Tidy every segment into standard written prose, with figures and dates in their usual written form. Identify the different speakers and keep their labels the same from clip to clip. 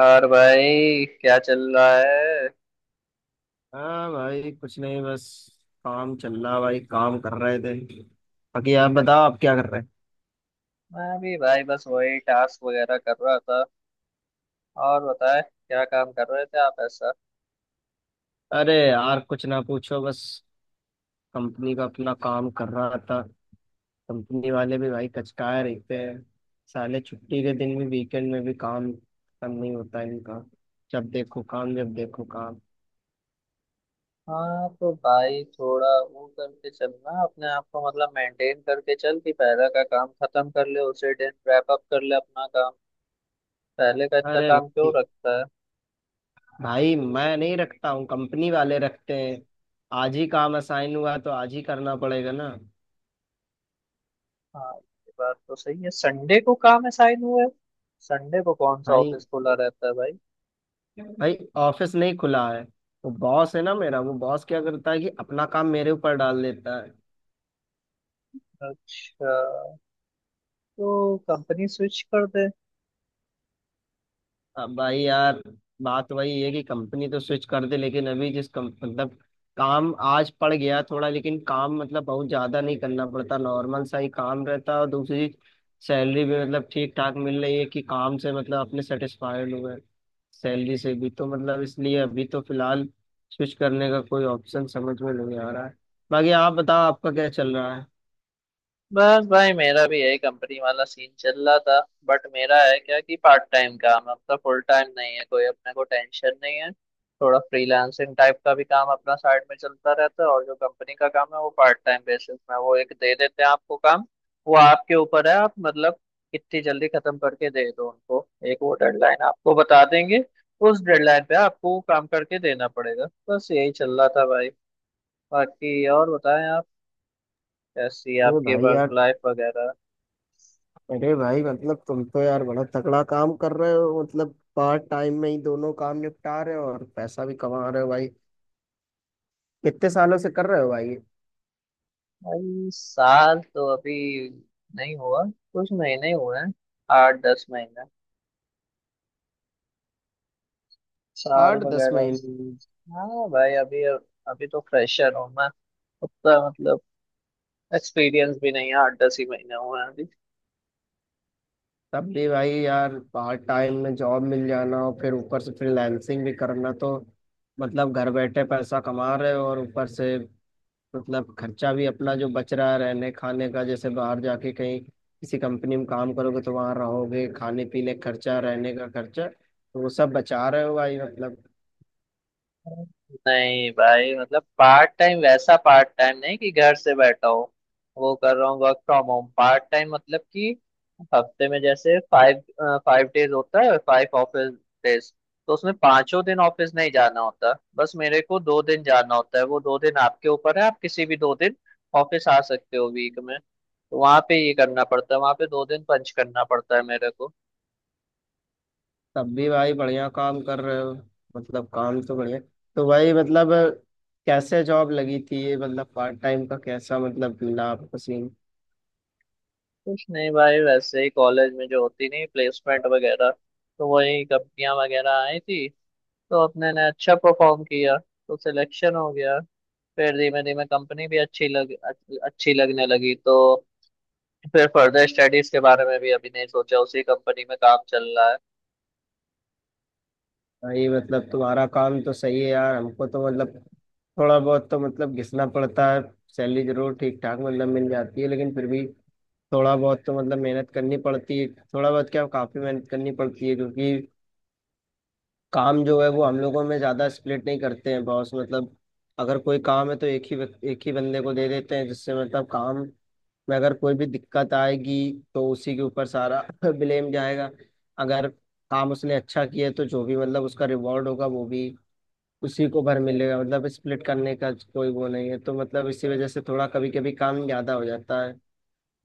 Speaker 1: और भाई क्या चल रहा है।
Speaker 2: हाँ भाई, कुछ नहीं। बस काम चल रहा, भाई। काम कर रहे थे। बाकी आप बताओ, आप क्या कर रहे हैं?
Speaker 1: मैं भी भाई बस वही टास्क वगैरह कर रहा था। और बताए क्या काम कर रहे थे आप ऐसा।
Speaker 2: अरे यार, कुछ ना पूछो। बस कंपनी का अपना काम कर रहा था। कंपनी वाले भी, भाई, कचकाए रहते हैं। साले छुट्टी के दिन भी, वीकेंड में भी काम खत्म नहीं होता इनका। जब देखो काम, जब देखो काम।
Speaker 1: हाँ तो भाई थोड़ा वो करके चलना अपने आप को मतलब मेंटेन करके चल कि पहले का काम खत्म कर ले उसी दिन रैप अप कर ले अपना काम। पहले का इतना
Speaker 2: अरे
Speaker 1: काम क्यों
Speaker 2: भाई!
Speaker 1: रखता है।
Speaker 2: भाई, मैं नहीं रखता हूँ, कंपनी वाले रखते हैं। आज ही काम असाइन हुआ तो आज ही करना पड़ेगा ना।
Speaker 1: हाँ ये बात तो सही है, संडे को काम असाइन हुआ है। संडे को कौन सा
Speaker 2: भाई!
Speaker 1: ऑफिस खुला रहता है भाई।
Speaker 2: भाई, ऑफिस नहीं खुला है। वो बॉस है ना मेरा, वो बॉस क्या करता है कि अपना काम मेरे ऊपर डाल देता है।
Speaker 1: अच्छा, तो कंपनी स्विच कर दे।
Speaker 2: अब भाई यार, बात वही है कि कंपनी तो स्विच कर दे, लेकिन अभी जिस कम मतलब काम आज पड़ गया थोड़ा। लेकिन काम मतलब बहुत ज्यादा नहीं करना पड़ता, नॉर्मल सा ही काम रहता है। और दूसरी, सैलरी भी मतलब ठीक ठाक मिल रही है कि काम से मतलब अपने सेटिस्फाइड हुए, सैलरी से भी तो मतलब, इसलिए अभी तो फिलहाल स्विच करने का कोई ऑप्शन समझ में नहीं आ रहा है। बाकी आप बताओ, आपका क्या चल रहा है?
Speaker 1: बस भाई मेरा भी यही कंपनी वाला सीन चल रहा था। बट मेरा है क्या कि पार्ट टाइम काम है अपना, फुल टाइम नहीं है कोई, अपने को टेंशन नहीं है। थोड़ा फ्रीलांसिंग टाइप का भी काम अपना साइड में चलता रहता है, और जो कंपनी का काम है वो पार्ट टाइम बेसिस में वो एक दे देते हैं आपको काम। वो आपके ऊपर है, आप मतलब कितनी जल्दी खत्म करके दे दो उनको। एक वो डेडलाइन आपको बता देंगे, उस डेडलाइन पे आपको वो काम करके देना पड़ेगा। बस यही चल रहा था भाई। बाकी और बताएं आप, कैसी है
Speaker 2: अरे
Speaker 1: आपकी
Speaker 2: भाई
Speaker 1: वर्क
Speaker 2: यार!
Speaker 1: लाइफ वगैरह।
Speaker 2: अरे भाई, मतलब तुम तो यार बड़ा तगड़ा काम कर रहे हो। मतलब पार्ट टाइम में ही दोनों काम निपटा रहे हो और पैसा भी कमा रहे हो, भाई। कितने सालों से कर रहे हो, भाई?
Speaker 1: भाई साल तो अभी नहीं हुआ, कुछ महीने ही हुए हैं। आठ दस महीने, साल
Speaker 2: आठ दस
Speaker 1: वगैरह।
Speaker 2: महीने?
Speaker 1: हाँ भाई अभी, अभी तो फ्रेशर हूँ मैं। उतना मतलब एक्सपीरियंस भी नहीं है, आठ दस ही महीने हुए हैं अभी।
Speaker 2: तब भी भाई यार, पार्ट टाइम में जॉब मिल जाना और फिर ऊपर से फ्रीलांसिंग भी करना तो मतलब घर बैठे पैसा कमा रहे हो। और ऊपर से मतलब खर्चा भी अपना जो बच रहा है रहने खाने का, जैसे बाहर जाके कहीं किसी कंपनी में काम करोगे तो वहां रहोगे, खाने पीने का खर्चा, रहने का खर्चा, तो वो सब बचा रहे हो, भाई मतलब।
Speaker 1: नहीं भाई मतलब पार्ट टाइम वैसा पार्ट टाइम नहीं कि घर से बैठा हो वो कर रहा हूँ। Work from home part time मतलब कि हफ्ते में जैसे फाइव, फाइव डेज होता है, फाइव ऑफिस डेज। तो उसमें पांचों दिन ऑफिस नहीं जाना होता, बस मेरे को दो दिन जाना होता है। वो दो दिन आपके ऊपर है, आप किसी भी दो दिन ऑफिस आ सकते हो वीक में। तो वहां पे ये करना पड़ता है, वहां पे दो दिन पंच करना पड़ता है मेरे।
Speaker 2: तब भी भाई, बढ़िया काम कर रहे हो। मतलब काम तो बढ़िया। तो भाई मतलब कैसे जॉब लगी थी ये, मतलब पार्ट टाइम का कैसा मतलब मिला आपको सीन?
Speaker 1: कुछ नहीं भाई, वैसे ही कॉलेज में जो होती नहीं प्लेसमेंट वगैरह, तो वही कंपनियां वगैरह आई थी। तो अपने ने अच्छा परफॉर्म किया तो सिलेक्शन हो गया। फिर धीमे धीमे कंपनी भी अच्छी लगने लगी। तो फिर फर्दर स्टडीज के बारे में भी अभी नहीं सोचा, उसी कंपनी में काम चल रहा है।
Speaker 2: भाई मतलब तुम्हारा काम तो सही है यार, हमको तो मतलब थोड़ा बहुत तो मतलब घिसना पड़ता है। सैलरी जरूर ठीक ठाक मतलब मिल जाती है, लेकिन फिर भी थोड़ा बहुत तो मतलब मेहनत करनी पड़ती है। थोड़ा बहुत क्या, काफी मेहनत करनी पड़ती है, क्योंकि काम जो है वो हम लोगों में ज्यादा स्प्लिट नहीं करते हैं बॉस, मतलब अगर कोई काम है तो एक ही एक ही बंदे को दे देते हैं, जिससे मतलब काम में अगर कोई भी दिक्कत आएगी तो उसी के ऊपर सारा ब्लेम जाएगा। अगर काम उसने अच्छा किया है, तो जो भी मतलब उसका रिवॉर्ड होगा वो भी उसी को भर मिलेगा। मतलब स्प्लिट करने का कोई वो नहीं है, तो मतलब इसी वजह से थोड़ा कभी कभी काम ज्यादा हो जाता है।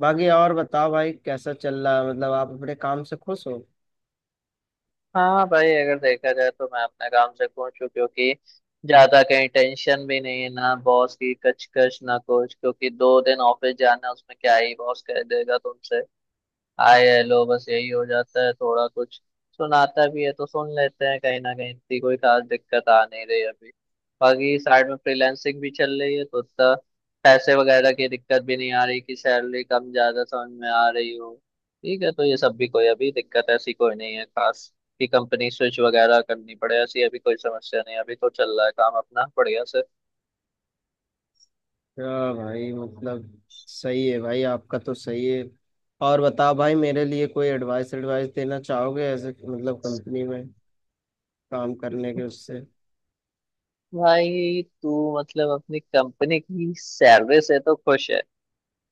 Speaker 2: बाकी और बताओ भाई, कैसा चल रहा है? मतलब आप अपने काम से खुश हो?
Speaker 1: हाँ भाई अगर देखा जाए तो मैं अपने काम से खुश हूँ, क्योंकि ज्यादा कहीं टेंशन भी नहीं है ना, बॉस की कचकच ना कुछ, क्योंकि दो दिन ऑफिस जाना उसमें क्या ही बॉस कह देगा तुमसे। हाय हेलो बस यही हो जाता है। थोड़ा कुछ सुनाता भी है तो सुन लेते हैं, कहीं ना कहीं इतनी कोई खास दिक्कत आ नहीं रही अभी। बाकी साइड में फ्रीलांसिंग भी चल रही है, तो उतना पैसे वगैरह की दिक्कत भी नहीं आ रही कि सैलरी कम ज्यादा समझ में आ रही हो। ठीक है, तो ये सब भी कोई अभी दिक्कत ऐसी कोई नहीं है खास कि कंपनी स्विच वगैरह करनी पड़े, ऐसी अभी कोई समस्या नहीं है, अभी तो चल रहा है काम अपना बढ़िया से।
Speaker 2: हाँ भाई, मतलब सही है भाई, आपका तो सही है। और बताओ भाई, मेरे लिए कोई एडवाइस एडवाइस देना चाहोगे ऐसे, मतलब कंपनी में काम करने के उससे?
Speaker 1: भाई तू मतलब अपनी कंपनी की सैलरी से तो खुश है,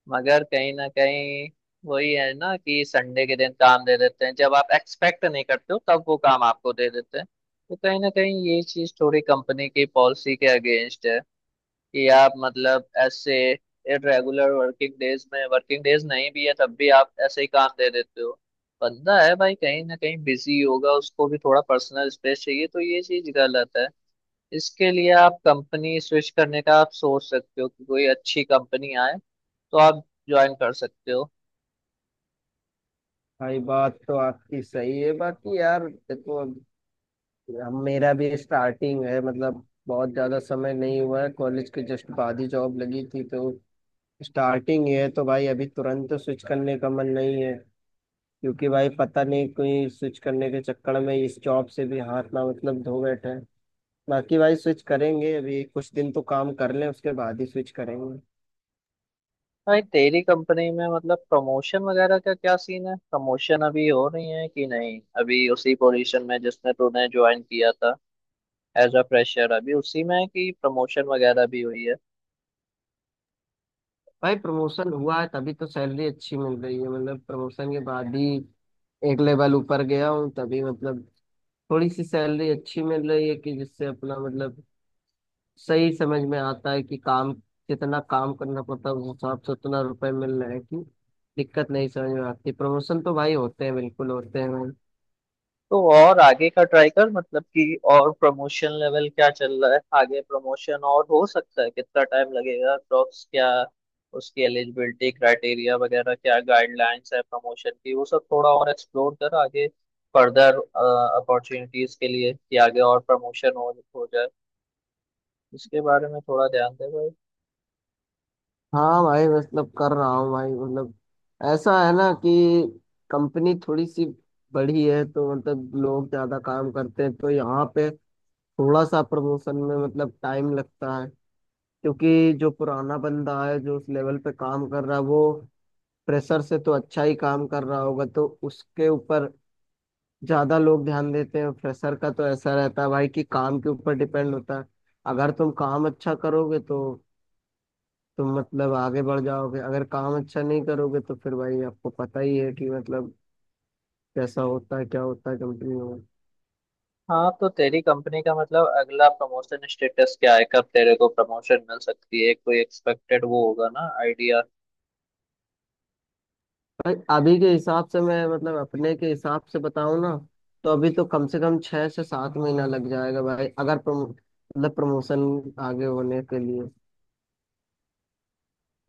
Speaker 1: मगर कहीं ना कहीं वही है ना कि संडे के दिन काम दे देते हैं। जब आप एक्सपेक्ट नहीं करते हो तब वो काम आपको दे देते हैं। तो कहीं ना कहीं ये चीज थोड़ी कंपनी की पॉलिसी के अगेंस्ट है कि आप मतलब ऐसे इरेगुलर वर्किंग डेज में, वर्किंग डेज नहीं भी है तब भी आप ऐसे ही काम दे देते हो। बंदा है भाई, कहीं ना कहीं बिजी होगा, उसको भी थोड़ा पर्सनल स्पेस चाहिए। तो ये चीज गलत है, इसके लिए आप कंपनी स्विच करने का आप सोच सकते हो कि कोई अच्छी कंपनी आए तो आप ज्वाइन कर सकते हो।
Speaker 2: भाई बात तो आपकी सही है। बाकी यार देखो, अब मेरा भी स्टार्टिंग है। मतलब बहुत ज़्यादा समय नहीं हुआ है, कॉलेज के जस्ट बाद ही जॉब लगी थी, तो स्टार्टिंग ही है। तो भाई अभी तुरंत तो स्विच करने का मन नहीं है, क्योंकि भाई पता नहीं कोई स्विच करने के चक्कर में इस जॉब से भी हाथ ना मतलब धो बैठे हैं। बाकी भाई स्विच करेंगे, अभी कुछ दिन तो काम कर लें उसके बाद ही स्विच करेंगे।
Speaker 1: भाई तेरी कंपनी में मतलब प्रमोशन वगैरह का क्या सीन है, प्रमोशन अभी हो रही है कि नहीं, अभी उसी पोजीशन में जिसने तूने ज्वाइन किया था एज अ फ्रेशर अभी उसी में है कि प्रमोशन वगैरह भी हुई है।
Speaker 2: भाई प्रमोशन हुआ है तभी तो सैलरी अच्छी मिल रही है। मतलब प्रमोशन के बाद ही एक लेवल ऊपर गया हूँ, तभी मतलब थोड़ी सी सैलरी अच्छी मिल रही है, कि जिससे अपना मतलब सही समझ में आता है कि काम, जितना काम करना पड़ता है उस हिसाब से उतना रुपए मिल रहे हैं कि दिक्कत नहीं समझ में आती। प्रमोशन तो भाई होते हैं, बिल्कुल होते हैं भाई।
Speaker 1: तो और आगे का ट्राई कर, मतलब कि और प्रमोशन लेवल क्या चल रहा है, आगे प्रमोशन और हो सकता है, कितना टाइम लगेगा अप्रोक्स, क्या उसकी एलिजिबिलिटी क्राइटेरिया वगैरह, क्या गाइडलाइंस है प्रमोशन की, वो सब थोड़ा और एक्सप्लोर कर आगे फर्दर अपॉर्चुनिटीज के लिए कि आगे और प्रमोशन हो जाए। इसके बारे में थोड़ा ध्यान दे भाई।
Speaker 2: हाँ भाई, मतलब कर रहा हूँ भाई। मतलब ऐसा है ना कि कंपनी थोड़ी सी बड़ी है तो मतलब लोग ज्यादा काम करते हैं, तो यहाँ पे थोड़ा सा प्रमोशन में मतलब टाइम लगता है। क्योंकि जो पुराना बंदा है जो उस लेवल पे काम कर रहा है, वो प्रेशर से तो अच्छा ही काम कर रहा होगा, तो उसके ऊपर ज्यादा लोग ध्यान देते हैं। प्रेशर का तो ऐसा रहता है भाई कि काम के ऊपर डिपेंड होता है। अगर तुम काम अच्छा करोगे तो तुम मतलब आगे बढ़ जाओगे। अगर काम अच्छा नहीं करोगे तो फिर भाई आपको पता ही है कि मतलब कैसा होता है, क्या होता है कंपनी में।
Speaker 1: हाँ तो तेरी कंपनी का मतलब अगला प्रमोशन स्टेटस क्या है, कब तेरे को प्रमोशन मिल सकती है, कोई एक्सपेक्टेड वो होगा ना आइडिया।
Speaker 2: भाई अभी के हिसाब से मैं मतलब अपने के हिसाब से बताऊं ना, तो अभी तो कम से कम 6 से 7 महीना लग जाएगा, भाई, अगर प्रमोशन आगे होने के लिए।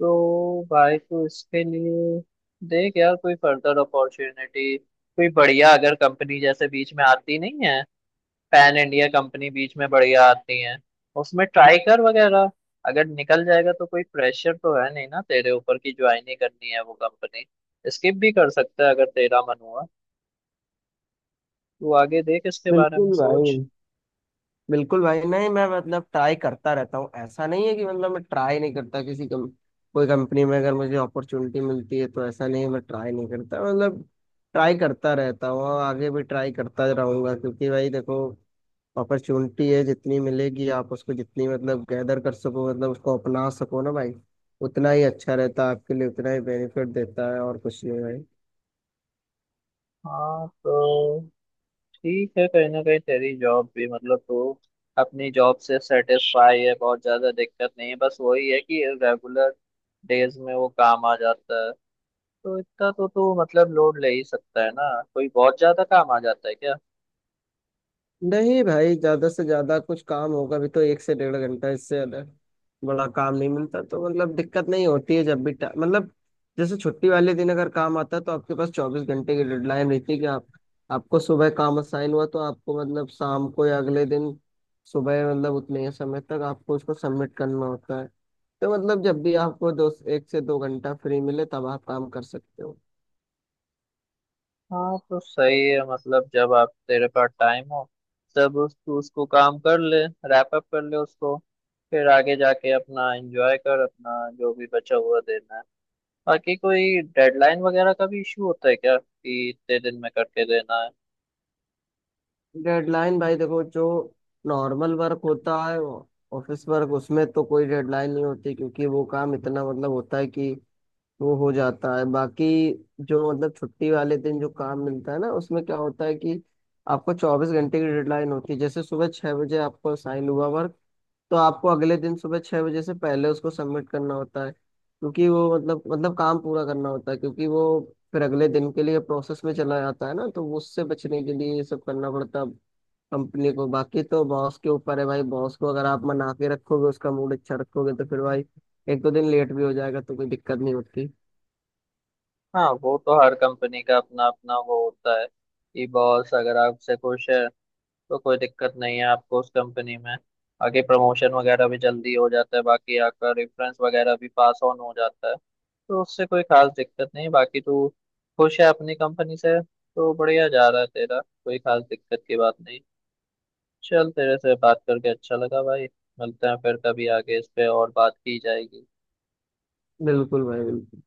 Speaker 1: तो भाई तो इसके लिए देख यार, कोई फर्दर अपॉर्चुनिटी कोई बढ़िया अगर कंपनी जैसे बीच में आती नहीं है, पैन इंडिया कंपनी बीच में बढ़िया आती है, उसमें ट्राई कर वगैरह। अगर निकल जाएगा तो कोई प्रेशर तो है नहीं ना तेरे ऊपर की ज्वाइन ही करनी है वो कंपनी, स्किप भी कर सकता है अगर तेरा मन हुआ। तू आगे देख, इसके बारे में
Speaker 2: बिल्कुल
Speaker 1: सोच।
Speaker 2: भाई, बिल्कुल भाई। नहीं, मैं मतलब ट्राई करता रहता हूँ, ऐसा नहीं है कि मतलब मैं ट्राई नहीं करता। कोई कंपनी में अगर मुझे अपॉर्चुनिटी मिलती है तो ऐसा नहीं है मैं ट्राई नहीं करता। मतलब ट्राई करता रहता हूँ और आगे भी ट्राई करता रहूंगा, क्योंकि भाई देखो अपॉर्चुनिटी है, जितनी मिलेगी आप उसको जितनी मतलब गैदर कर सको, मतलब उसको अपना सको ना भाई, उतना ही अच्छा रहता है आपके लिए, उतना ही बेनिफिट देता है और कुछ नहीं भाई।
Speaker 1: हाँ तो ठीक है, कहीं ना कहीं तेरी जॉब भी मतलब तू अपनी जॉब से सेटिस्फाई है, बहुत ज्यादा दिक्कत नहीं है, बस वही है कि रेगुलर डेज में वो काम आ जाता है। तो इतना तो तू मतलब लोड ले ही सकता है ना, कोई बहुत ज्यादा काम आ जाता है क्या।
Speaker 2: नहीं भाई, ज्यादा से ज्यादा कुछ काम होगा भी तो 1 से 1.5 घंटा, इससे ज्यादा बड़ा काम नहीं मिलता। तो मतलब दिक्कत नहीं होती है। जब भी मतलब जैसे छुट्टी वाले दिन अगर काम आता है तो आपके पास 24 घंटे की डेडलाइन रहती है, कि आप, आपको सुबह काम असाइन हुआ तो आपको मतलब शाम को या अगले दिन सुबह मतलब उतने ही समय तक आपको उसको सबमिट करना होता है। तो मतलब जब भी आपको दो 1 से 2 घंटा फ्री मिले तब आप काम कर सकते हो।
Speaker 1: हाँ तो सही है, मतलब जब आप तेरे पास टाइम हो तब तू उसको काम कर ले, रैप अप कर ले उसको। फिर आगे जाके अपना एंजॉय कर अपना जो भी बचा हुआ दिन है। बाकी कोई डेडलाइन वगैरह का भी इशू होता है क्या, कि इतने दिन में करके देना है।
Speaker 2: डेडलाइन, भाई देखो, जो नॉर्मल वर्क होता है ऑफिस वर्क, उसमें तो कोई डेडलाइन नहीं होती क्योंकि वो काम इतना मतलब होता है कि वो हो जाता है। बाकी जो मतलब छुट्टी वाले दिन जो काम मिलता है ना, उसमें क्या होता है कि आपको 24 घंटे की डेडलाइन होती है। जैसे सुबह 6 बजे आपको साइन हुआ वर्क, तो आपको अगले दिन सुबह 6 बजे से पहले उसको सबमिट करना होता है, क्योंकि वो मतलब काम पूरा करना होता है, क्योंकि वो फिर अगले दिन के लिए प्रोसेस में चला जाता है ना। तो उससे बचने के लिए ये सब करना पड़ता है कंपनी को। बाकी तो बॉस के ऊपर है भाई, बॉस को अगर आप मना के रखोगे, उसका मूड अच्छा रखोगे, तो फिर भाई एक दो दिन लेट भी हो जाएगा तो कोई दिक्कत नहीं होती।
Speaker 1: हाँ वो तो हर कंपनी का अपना अपना वो होता है कि बॉस अगर आपसे खुश है तो कोई दिक्कत नहीं है आपको उस कंपनी में। बाकी प्रमोशन वगैरह भी जल्दी हो जाता है, बाकी आपका रेफरेंस वगैरह भी पास ऑन हो जाता है, तो उससे कोई खास दिक्कत नहीं। बाकी तू खुश है अपनी कंपनी से तो बढ़िया जा रहा है तेरा, कोई खास दिक्कत की बात नहीं। चल, तेरे से बात करके अच्छा लगा भाई। मिलते हैं फिर कभी, आगे इस पे और बात की जाएगी।
Speaker 2: बिल्कुल भाई, बिल्कुल।